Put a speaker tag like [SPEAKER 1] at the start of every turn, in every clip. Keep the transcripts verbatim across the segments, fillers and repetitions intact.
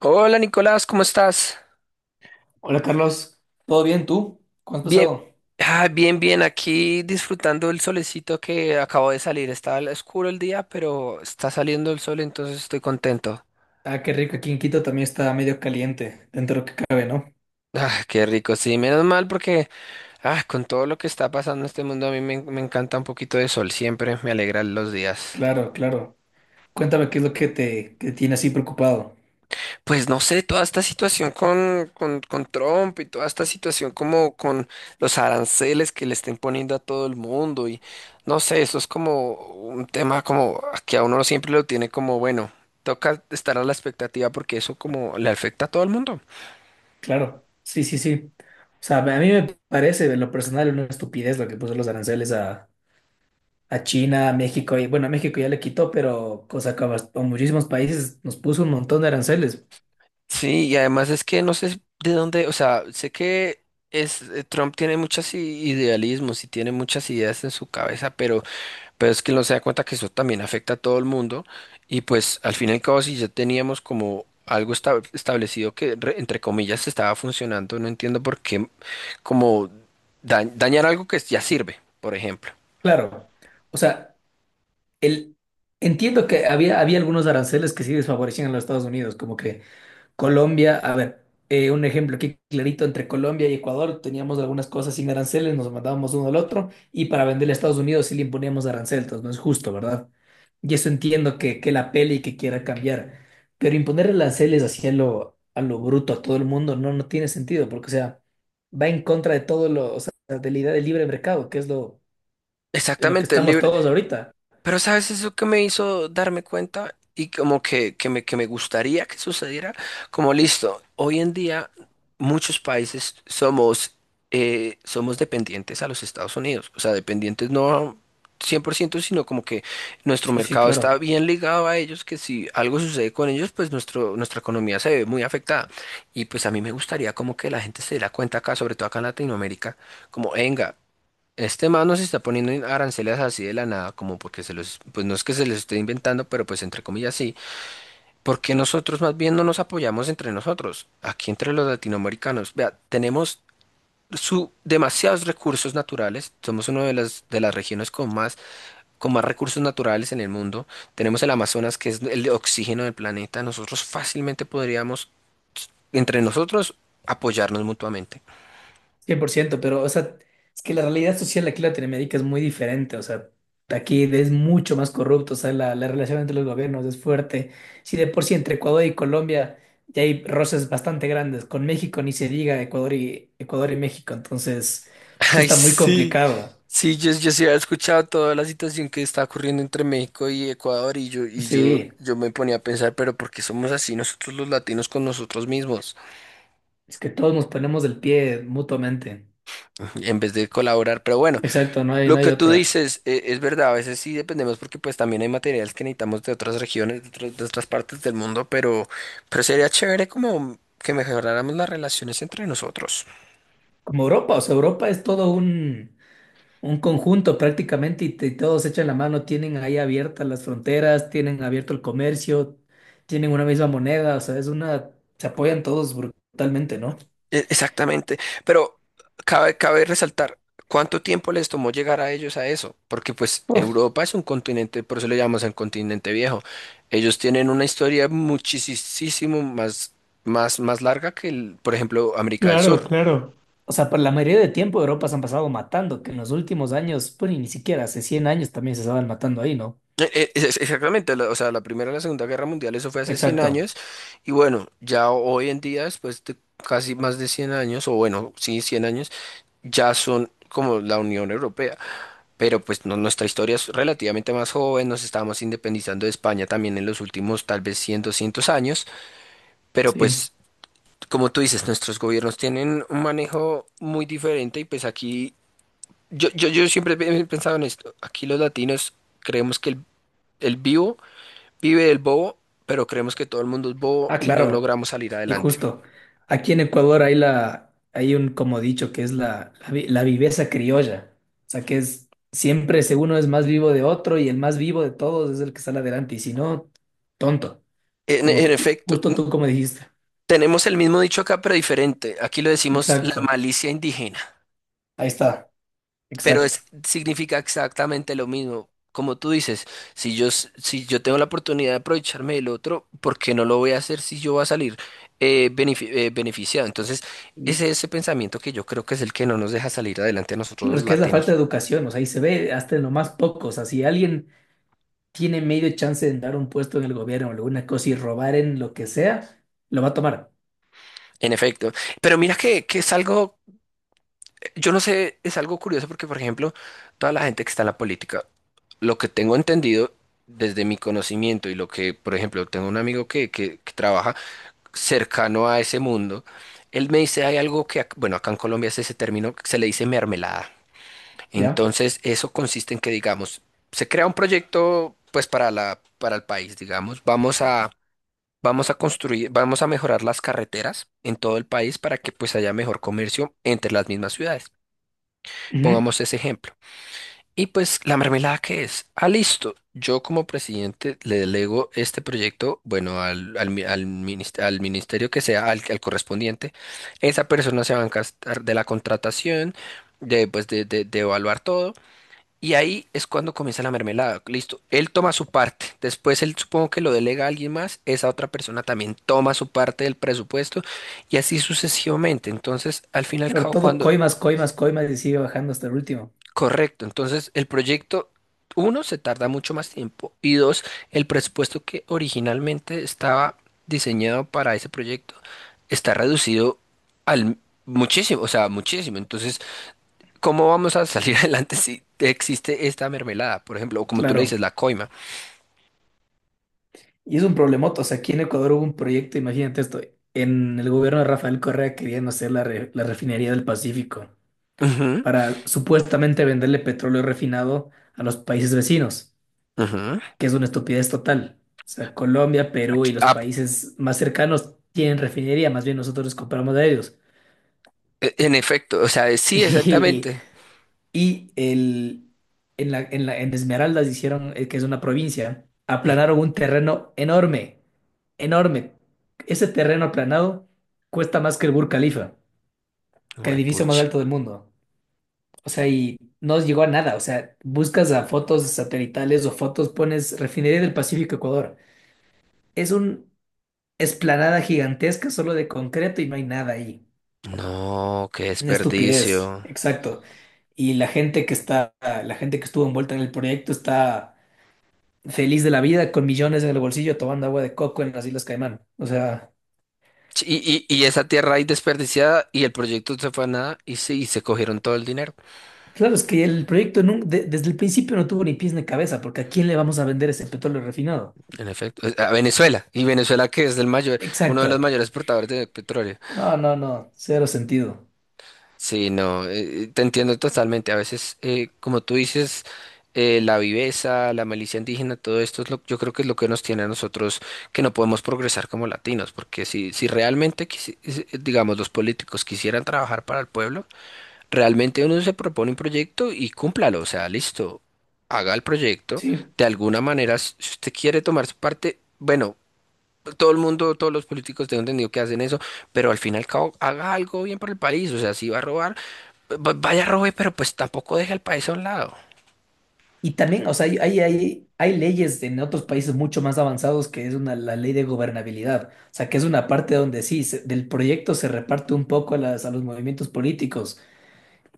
[SPEAKER 1] Hola Nicolás, ¿cómo estás?
[SPEAKER 2] Hola Carlos, ¿todo bien tú? ¿Cómo has
[SPEAKER 1] Bien,
[SPEAKER 2] pasado?
[SPEAKER 1] ah, bien, bien, aquí disfrutando el solecito que acabo de salir. Estaba al- oscuro el día, pero está saliendo el sol, entonces estoy contento.
[SPEAKER 2] Ah, qué rico, aquí en Quito también está medio caliente, dentro de lo que cabe, ¿no?
[SPEAKER 1] Ah, qué rico, sí, menos mal porque ah, con todo lo que está pasando en este mundo a mí me, me encanta un poquito de sol, siempre me alegran los días.
[SPEAKER 2] Claro, claro. Cuéntame qué es lo que te, que te tiene así preocupado.
[SPEAKER 1] Pues no sé, toda esta situación con, con, con Trump y toda esta situación como con los aranceles que le estén poniendo a todo el mundo y no sé, eso es como un tema como que a uno siempre lo tiene como, bueno, toca estar a la expectativa porque eso como le afecta a todo el mundo.
[SPEAKER 2] Claro, sí, sí, sí. O sea, a mí me parece, en lo personal, una estupidez lo que puso los aranceles a, a China, a México, y bueno, a México ya le quitó, pero cosa que a bast- a muchísimos países nos puso un montón de aranceles.
[SPEAKER 1] Sí, y además es que no sé de dónde, o sea, sé que es, eh, Trump tiene muchos i- idealismos y tiene muchas ideas en su cabeza, pero... Pero es que no se da cuenta que eso también afecta a todo el mundo y pues al fin y al cabo si ya teníamos como algo esta- establecido que re- entre comillas estaba funcionando, no entiendo por qué como da- dañar algo que ya sirve, por ejemplo.
[SPEAKER 2] Claro, o sea, el, entiendo que había, había algunos aranceles que sí desfavorecían a los Estados Unidos, como que Colombia, a ver, eh, un ejemplo aquí clarito entre Colombia y Ecuador, teníamos algunas cosas sin aranceles, nos mandábamos uno al otro y para venderle a Estados Unidos sí le imponíamos aranceles, entonces no es justo, ¿verdad? Y eso entiendo que, que la pele y que quiera cambiar, pero imponer aranceles así a lo, a lo bruto a todo el mundo no, no tiene sentido, porque o sea, va en contra de todo lo, o sea, de la idea del libre mercado, que es lo, en lo que
[SPEAKER 1] Exactamente, el
[SPEAKER 2] estamos
[SPEAKER 1] libre.
[SPEAKER 2] todos ahorita.
[SPEAKER 1] Pero sabes eso que me hizo darme cuenta y como que, que me, que me gustaría que sucediera, como listo, hoy en día muchos países somos, eh, somos dependientes a los Estados Unidos, o sea, dependientes no cien por ciento sino como que nuestro
[SPEAKER 2] Sí, sí,
[SPEAKER 1] mercado está
[SPEAKER 2] claro.
[SPEAKER 1] bien ligado a ellos, que si algo sucede con ellos, pues nuestro, nuestra economía se ve muy afectada. Y pues a mí me gustaría como que la gente se diera cuenta acá, sobre todo acá en Latinoamérica, como, venga. Este man no se está poniendo aranceles así de la nada, como porque se los, pues no es que se les esté inventando, pero pues entre comillas sí, porque nosotros más bien no nos apoyamos entre nosotros, aquí entre los latinoamericanos. Vea, tenemos su, demasiados recursos naturales, somos una de las, de las regiones con más, con más recursos naturales en el mundo, tenemos el Amazonas que es el oxígeno del planeta, nosotros fácilmente podríamos, entre nosotros, apoyarnos mutuamente.
[SPEAKER 2] Cien por ciento pero, o sea, es que la realidad social aquí en Latinoamérica es muy diferente, o sea, aquí es mucho más corrupto, o sea, la, la relación entre los gobiernos es fuerte. Si de por sí entre Ecuador y Colombia ya hay roces bastante grandes, con México ni se diga Ecuador y, Ecuador y México, entonces sí
[SPEAKER 1] Ay,
[SPEAKER 2] está muy
[SPEAKER 1] sí.
[SPEAKER 2] complicado.
[SPEAKER 1] Sí, yo, yo sí había escuchado toda la situación que está ocurriendo entre México y Ecuador y yo, y yo,
[SPEAKER 2] Sí,
[SPEAKER 1] yo me ponía a pensar, pero ¿por qué somos así nosotros los latinos con nosotros mismos
[SPEAKER 2] es que todos nos ponemos del pie mutuamente.
[SPEAKER 1] en vez de colaborar? Pero bueno,
[SPEAKER 2] Exacto, no hay, no
[SPEAKER 1] lo
[SPEAKER 2] hay
[SPEAKER 1] que tú
[SPEAKER 2] otra.
[SPEAKER 1] dices eh, es verdad, a veces sí dependemos porque pues también hay materiales que necesitamos de otras regiones, de otras, de otras partes del mundo, pero, pero sería chévere como que mejoráramos las relaciones entre nosotros.
[SPEAKER 2] Como Europa, o sea, Europa es todo un... Un conjunto prácticamente y, te- todos echan la mano, tienen ahí abiertas las fronteras, tienen abierto el comercio, tienen una misma moneda, o sea, es una, se apoyan todos brutalmente, ¿no?
[SPEAKER 1] E- Exactamente, pero cabe, cabe resaltar cuánto tiempo les tomó llegar a ellos a eso, porque pues
[SPEAKER 2] Uf,
[SPEAKER 1] Europa es un continente, por eso le llamamos el continente viejo. Ellos tienen una historia muchísimo más, más, más larga que, el- por ejemplo, América del
[SPEAKER 2] claro,
[SPEAKER 1] Sur.
[SPEAKER 2] claro. O sea, para la mayoría de tiempo Europa se han pasado matando, que en los últimos años, pues y ni siquiera hace cien años también se estaban matando ahí, ¿no?
[SPEAKER 1] Eh, eh, es- Exactamente, la- o sea, la Primera y la Segunda Guerra Mundial, eso fue hace cien
[SPEAKER 2] Exacto,
[SPEAKER 1] años, y bueno, ya hoy en día, después de casi más de cien años, o bueno, sí, cien años, ya son como la Unión Europea, pero pues no- nuestra historia es relativamente más joven, nos estábamos independizando de España también en los últimos tal vez cien doscientos años, pero
[SPEAKER 2] sí.
[SPEAKER 1] pues como tú dices, nuestros gobiernos tienen un manejo muy diferente y pues aquí, yo, yo, yo siempre he pensado en esto, aquí los latinos creemos que el el vivo vive el bobo, pero creemos que todo el mundo es bobo
[SPEAKER 2] Ah,
[SPEAKER 1] y no
[SPEAKER 2] claro.
[SPEAKER 1] logramos salir
[SPEAKER 2] Y
[SPEAKER 1] adelante.
[SPEAKER 2] justo, aquí en Ecuador hay la, hay un como dicho que es la, la, vi- la viveza criolla. O sea, que es siempre, si uno es más vivo de otro y el más vivo de todos es el que sale adelante. Y si no, tonto.
[SPEAKER 1] En,
[SPEAKER 2] Como
[SPEAKER 1] en
[SPEAKER 2] tú-
[SPEAKER 1] efecto,
[SPEAKER 2] justo tú como dijiste.
[SPEAKER 1] tenemos el mismo dicho acá, pero diferente. Aquí lo decimos la
[SPEAKER 2] Exacto.
[SPEAKER 1] malicia indígena,
[SPEAKER 2] Ahí está.
[SPEAKER 1] pero
[SPEAKER 2] Exacto.
[SPEAKER 1] es, significa exactamente lo mismo. Como tú dices, si yo, s- si yo tengo la oportunidad de aprovecharme del otro, ¿por qué no lo voy a hacer si yo voy a salir eh, benefi- eh, beneficiado? Entonces,
[SPEAKER 2] Y
[SPEAKER 1] ese es ese pensamiento que yo creo que es el que no nos deja salir adelante a nosotros
[SPEAKER 2] claro,
[SPEAKER 1] los
[SPEAKER 2] es que es la falta
[SPEAKER 1] latinos.
[SPEAKER 2] de educación. O sea, y se ve hasta en lo más poco. O sea, si alguien tiene medio chance de dar un puesto en el gobierno o alguna cosa y robar en lo que sea, lo va a tomar.
[SPEAKER 1] En efecto. Pero mira que, que es algo, yo no sé, es algo curioso porque, por ejemplo, toda la gente que está en la política, lo que tengo entendido desde mi conocimiento y lo que, por ejemplo, tengo un amigo que, que, que trabaja cercano a ese mundo, él me dice, hay algo que, ac- bueno, acá en Colombia es ese término que se le dice mermelada.
[SPEAKER 2] ¿Ya?
[SPEAKER 1] Entonces, eso consiste en que, digamos, se crea un proyecto, pues, para la, para el país, digamos, vamos a... Vamos a construir, vamos a mejorar las carreteras en todo el país para que pues haya mejor comercio entre las mismas ciudades.
[SPEAKER 2] Ujú.
[SPEAKER 1] Pongamos ese ejemplo. Y pues la mermelada qué es, ah, listo, yo como presidente le delego este proyecto, bueno, al, al, mi- al minist- al ministerio que sea, al, al correspondiente, esa persona se va a encargar de la contratación, de, pues, de, de, de evaluar todo, y ahí es cuando comienza la mermelada, listo, él toma su parte, después él supongo que lo delega a alguien más, esa otra persona también toma su parte del presupuesto, y así sucesivamente, entonces al fin y al
[SPEAKER 2] Pero
[SPEAKER 1] cabo
[SPEAKER 2] todo
[SPEAKER 1] cuando...
[SPEAKER 2] coimas, coimas, coimas y sigue bajando hasta el último.
[SPEAKER 1] Correcto, entonces el proyecto, uno, se tarda mucho más tiempo y dos, el presupuesto que originalmente estaba diseñado para ese proyecto está reducido al muchísimo, o sea, muchísimo. Entonces, ¿cómo vamos a salir adelante si existe esta mermelada, por ejemplo, o como tú le
[SPEAKER 2] Claro.
[SPEAKER 1] dices, la coima?
[SPEAKER 2] Y es un problemoto. O sea, aquí en Ecuador hubo un proyecto, imagínate esto, en el gobierno de Rafael Correa querían hacer la, re- la refinería del Pacífico
[SPEAKER 1] Ujú,
[SPEAKER 2] para supuestamente venderle petróleo refinado a los países vecinos,
[SPEAKER 1] ujú.
[SPEAKER 2] que es una estupidez total. O sea, Colombia, Perú
[SPEAKER 1] Aquí-
[SPEAKER 2] y los
[SPEAKER 1] ah,
[SPEAKER 2] países más cercanos tienen refinería, más bien nosotros les compramos de ellos.
[SPEAKER 1] e- en efecto, o sea, sí,
[SPEAKER 2] Y
[SPEAKER 1] exactamente.
[SPEAKER 2] Y el, en la, en la- en Esmeraldas hicieron, eh, que es una provincia, aplanaron un terreno enorme, enorme. Ese terreno aplanado cuesta más que el Burj Khalifa, que el edificio más
[SPEAKER 1] Juepucha.
[SPEAKER 2] alto del mundo. O sea, y no llegó a nada. O sea, buscas a fotos satelitales o fotos, pones Refinería del Pacífico Ecuador. Es una esplanada gigantesca solo de concreto y no hay nada ahí.
[SPEAKER 1] No, qué
[SPEAKER 2] Una estupidez,
[SPEAKER 1] desperdicio.
[SPEAKER 2] exacto. Y la gente que está, la gente que estuvo envuelta en el proyecto está feliz de la vida, con millones en el bolsillo, tomando agua de coco en las Islas Caimán. O sea,
[SPEAKER 1] Sí, y, y, y esa tierra ahí desperdiciada y el proyecto se fue a nada y sí, y se cogieron todo el dinero,
[SPEAKER 2] claro, es que el proyecto nun- de- desde el principio no tuvo ni pies ni cabeza, porque ¿a quién le vamos a vender ese petróleo refinado?
[SPEAKER 1] en efecto. Eh, a Venezuela. Y Venezuela que es el mayor, uno de los
[SPEAKER 2] Exacto.
[SPEAKER 1] mayores exportadores de petróleo.
[SPEAKER 2] No, no, no, cero sentido.
[SPEAKER 1] Sí, no, eh, eh, te entiendo totalmente. A veces, eh, como tú dices, eh, la viveza, la malicia indígena, todo esto es lo, yo creo que es lo que nos tiene a nosotros que no podemos progresar como latinos, porque si, si realmente, quisi- eh, digamos, los políticos quisieran trabajar para el pueblo, realmente uno se propone un proyecto y cúmplalo, o sea, listo, haga el proyecto.
[SPEAKER 2] Sí.
[SPEAKER 1] De alguna manera, si usted quiere tomar su parte, bueno, todo el mundo, todos los políticos tengo entendido que hacen eso, pero al fin y al cabo, haga algo bien por el país, o sea, si va a robar, va- vaya robe, pero pues tampoco deje al país a un lado.
[SPEAKER 2] Y también, o sea, hay, hay, hay, hay leyes en otros países mucho más avanzados que es una, la ley de gobernabilidad. O sea, que es una parte donde sí, se- del proyecto se reparte un poco a, las, a los movimientos políticos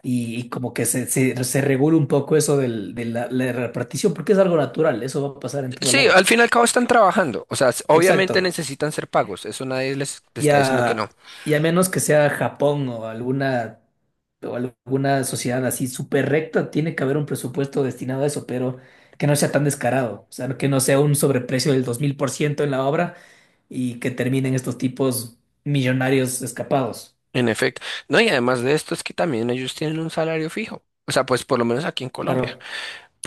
[SPEAKER 2] y, y como que se, se, se regule un poco eso del- de la, la repartición, porque es algo natural, eso va a pasar en todo
[SPEAKER 1] Sí,
[SPEAKER 2] lado.
[SPEAKER 1] al fin y al cabo están trabajando, o sea, s- obviamente
[SPEAKER 2] Exacto.
[SPEAKER 1] necesitan ser pagos, eso nadie les les
[SPEAKER 2] Y
[SPEAKER 1] está diciendo que
[SPEAKER 2] a,
[SPEAKER 1] no.
[SPEAKER 2] y a menos que sea Japón o alguna, o alguna sociedad así súper recta, tiene que haber un presupuesto destinado a eso, pero que no sea tan descarado, o sea, que no sea un sobreprecio del dos mil por ciento en la obra y que terminen estos tipos millonarios escapados.
[SPEAKER 1] En efecto, no, y además de esto es que también ellos tienen un salario fijo, o sea, pues por lo menos aquí en Colombia.
[SPEAKER 2] Claro,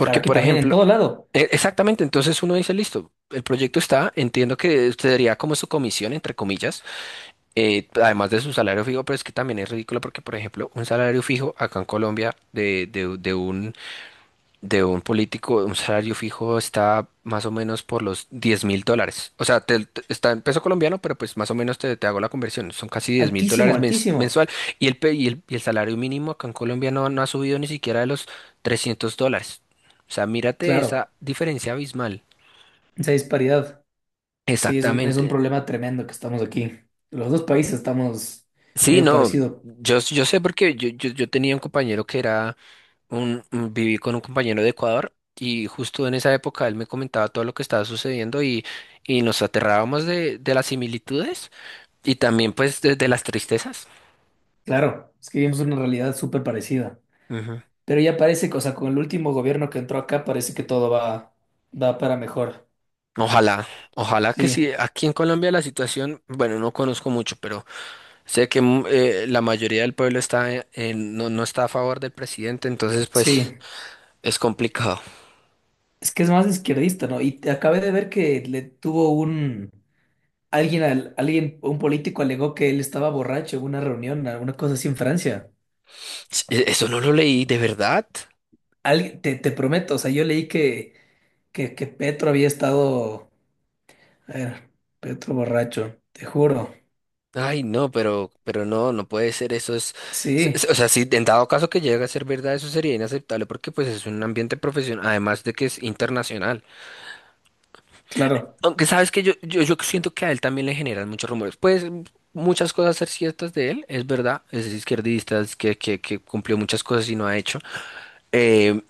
[SPEAKER 2] claro, aquí
[SPEAKER 1] por
[SPEAKER 2] también, en
[SPEAKER 1] ejemplo,
[SPEAKER 2] todo lado.
[SPEAKER 1] E- exactamente, entonces uno dice, listo, el proyecto está, entiendo que usted daría como su comisión, entre comillas, eh, además de su salario fijo, pero es que también es ridículo porque, por ejemplo, un salario fijo acá en Colombia de, de, de un, de un político, un salario fijo está más o menos por los diez mil dólares. O sea, te- te- está en peso colombiano, pero pues más o menos te, te hago la conversión, son casi diez mil
[SPEAKER 2] Altísimo,
[SPEAKER 1] dólares mens-
[SPEAKER 2] altísimo.
[SPEAKER 1] mensual y el, pe- y el, y el salario mínimo acá en Colombia no, no ha subido ni siquiera de los trescientos dólares. O sea, mírate esa
[SPEAKER 2] Claro,
[SPEAKER 1] diferencia abismal.
[SPEAKER 2] esa disparidad. Sí, es un, es un
[SPEAKER 1] Exactamente.
[SPEAKER 2] problema tremendo que estamos aquí. Los dos países estamos
[SPEAKER 1] Sí,
[SPEAKER 2] medio
[SPEAKER 1] no,
[SPEAKER 2] parecido.
[SPEAKER 1] yo, yo sé porque yo, yo, yo tenía un compañero que era un, un- viví con un compañero de Ecuador y justo en esa época él me comentaba todo lo que estaba sucediendo y, y nos aterrábamos de, de las similitudes y también pues de, de las tristezas.
[SPEAKER 2] Claro, es que vivimos una realidad súper parecida.
[SPEAKER 1] Ujú.
[SPEAKER 2] Pero ya parece, que, o sea, con el último gobierno que entró acá, parece que todo va, va para mejor.
[SPEAKER 1] Ojalá, ojalá que
[SPEAKER 2] Sí,
[SPEAKER 1] sí. Aquí en Colombia la situación, bueno, no conozco mucho, pero sé que mm, eh, la mayoría del pueblo está en- en- no, no está a favor del presidente, entonces pues
[SPEAKER 2] sí.
[SPEAKER 1] es complicado.
[SPEAKER 2] Es que es más izquierdista, ¿no? Y te acabé de ver que le tuvo un... Alguien, al- alguien, un político alegó que él estaba borracho en una reunión, alguna cosa así en Francia.
[SPEAKER 1] Sí, e- eso no lo leí, ¿de verdad?
[SPEAKER 2] Alguien, te, te prometo, o sea, yo leí que, que, que Petro había estado. A ver, Petro borracho, te juro.
[SPEAKER 1] Ay, no, pero, pero no, no puede ser, eso es, s-
[SPEAKER 2] Sí,
[SPEAKER 1] s- o sea, si en dado caso que llegue a ser verdad, eso sería inaceptable porque pues es un ambiente profesional, además de que es internacional.
[SPEAKER 2] claro.
[SPEAKER 1] Aunque sabes que yo, yo, yo siento que a él también le generan muchos rumores. Pues m- muchas cosas ser ciertas de él, es verdad, es izquierdista, es que, que, que cumplió muchas cosas y no ha hecho. Eh,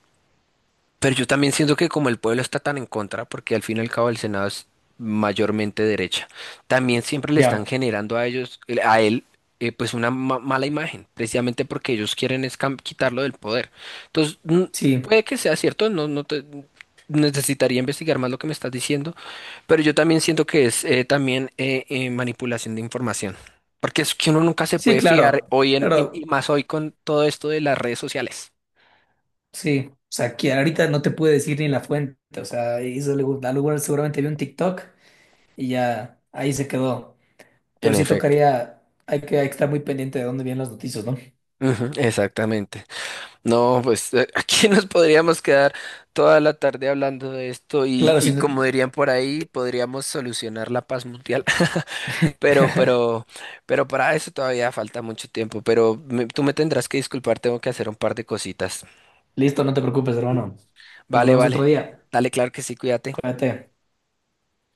[SPEAKER 1] Pero yo también siento que como el pueblo está tan en contra, porque al fin y al cabo el Senado es mayormente derecha, también siempre le están
[SPEAKER 2] Ya,
[SPEAKER 1] generando a ellos, a él, eh, pues una ma- mala imagen, precisamente porque ellos quieren es cam- quitarlo del poder. Entonces, mm,
[SPEAKER 2] sí.
[SPEAKER 1] puede que sea cierto, no, no te- necesitaría investigar más lo que me estás diciendo, pero yo también siento que es eh, también eh, eh, manipulación de información, porque es que uno nunca se
[SPEAKER 2] Sí,
[SPEAKER 1] puede fiar
[SPEAKER 2] claro.
[SPEAKER 1] hoy en, y, y
[SPEAKER 2] Pero
[SPEAKER 1] más hoy con todo esto de las redes sociales.
[SPEAKER 2] sí. O sea, que ahorita no te puedo decir ni la fuente. O sea, hizo algo, algo- bueno, seguramente vio un TikTok y ya ahí se quedó.
[SPEAKER 1] En
[SPEAKER 2] Pero sí
[SPEAKER 1] efecto.
[SPEAKER 2] tocaría, hay que, hay que estar muy pendiente de dónde vienen las noticias, ¿no?
[SPEAKER 1] Ujú, exactamente. No, pues eh, aquí nos podríamos quedar toda la tarde hablando de esto y,
[SPEAKER 2] Claro, sí.
[SPEAKER 1] y como dirían por ahí, podríamos solucionar la paz mundial. Pero, pero, pero para eso todavía falta mucho tiempo. Pero me- tú me tendrás que disculpar, tengo que hacer un par de cositas.
[SPEAKER 2] Listo, no te preocupes, hermano. Nos
[SPEAKER 1] Vale,
[SPEAKER 2] hablamos otro
[SPEAKER 1] vale.
[SPEAKER 2] día.
[SPEAKER 1] Dale, claro que sí, cuídate.
[SPEAKER 2] Cuídate.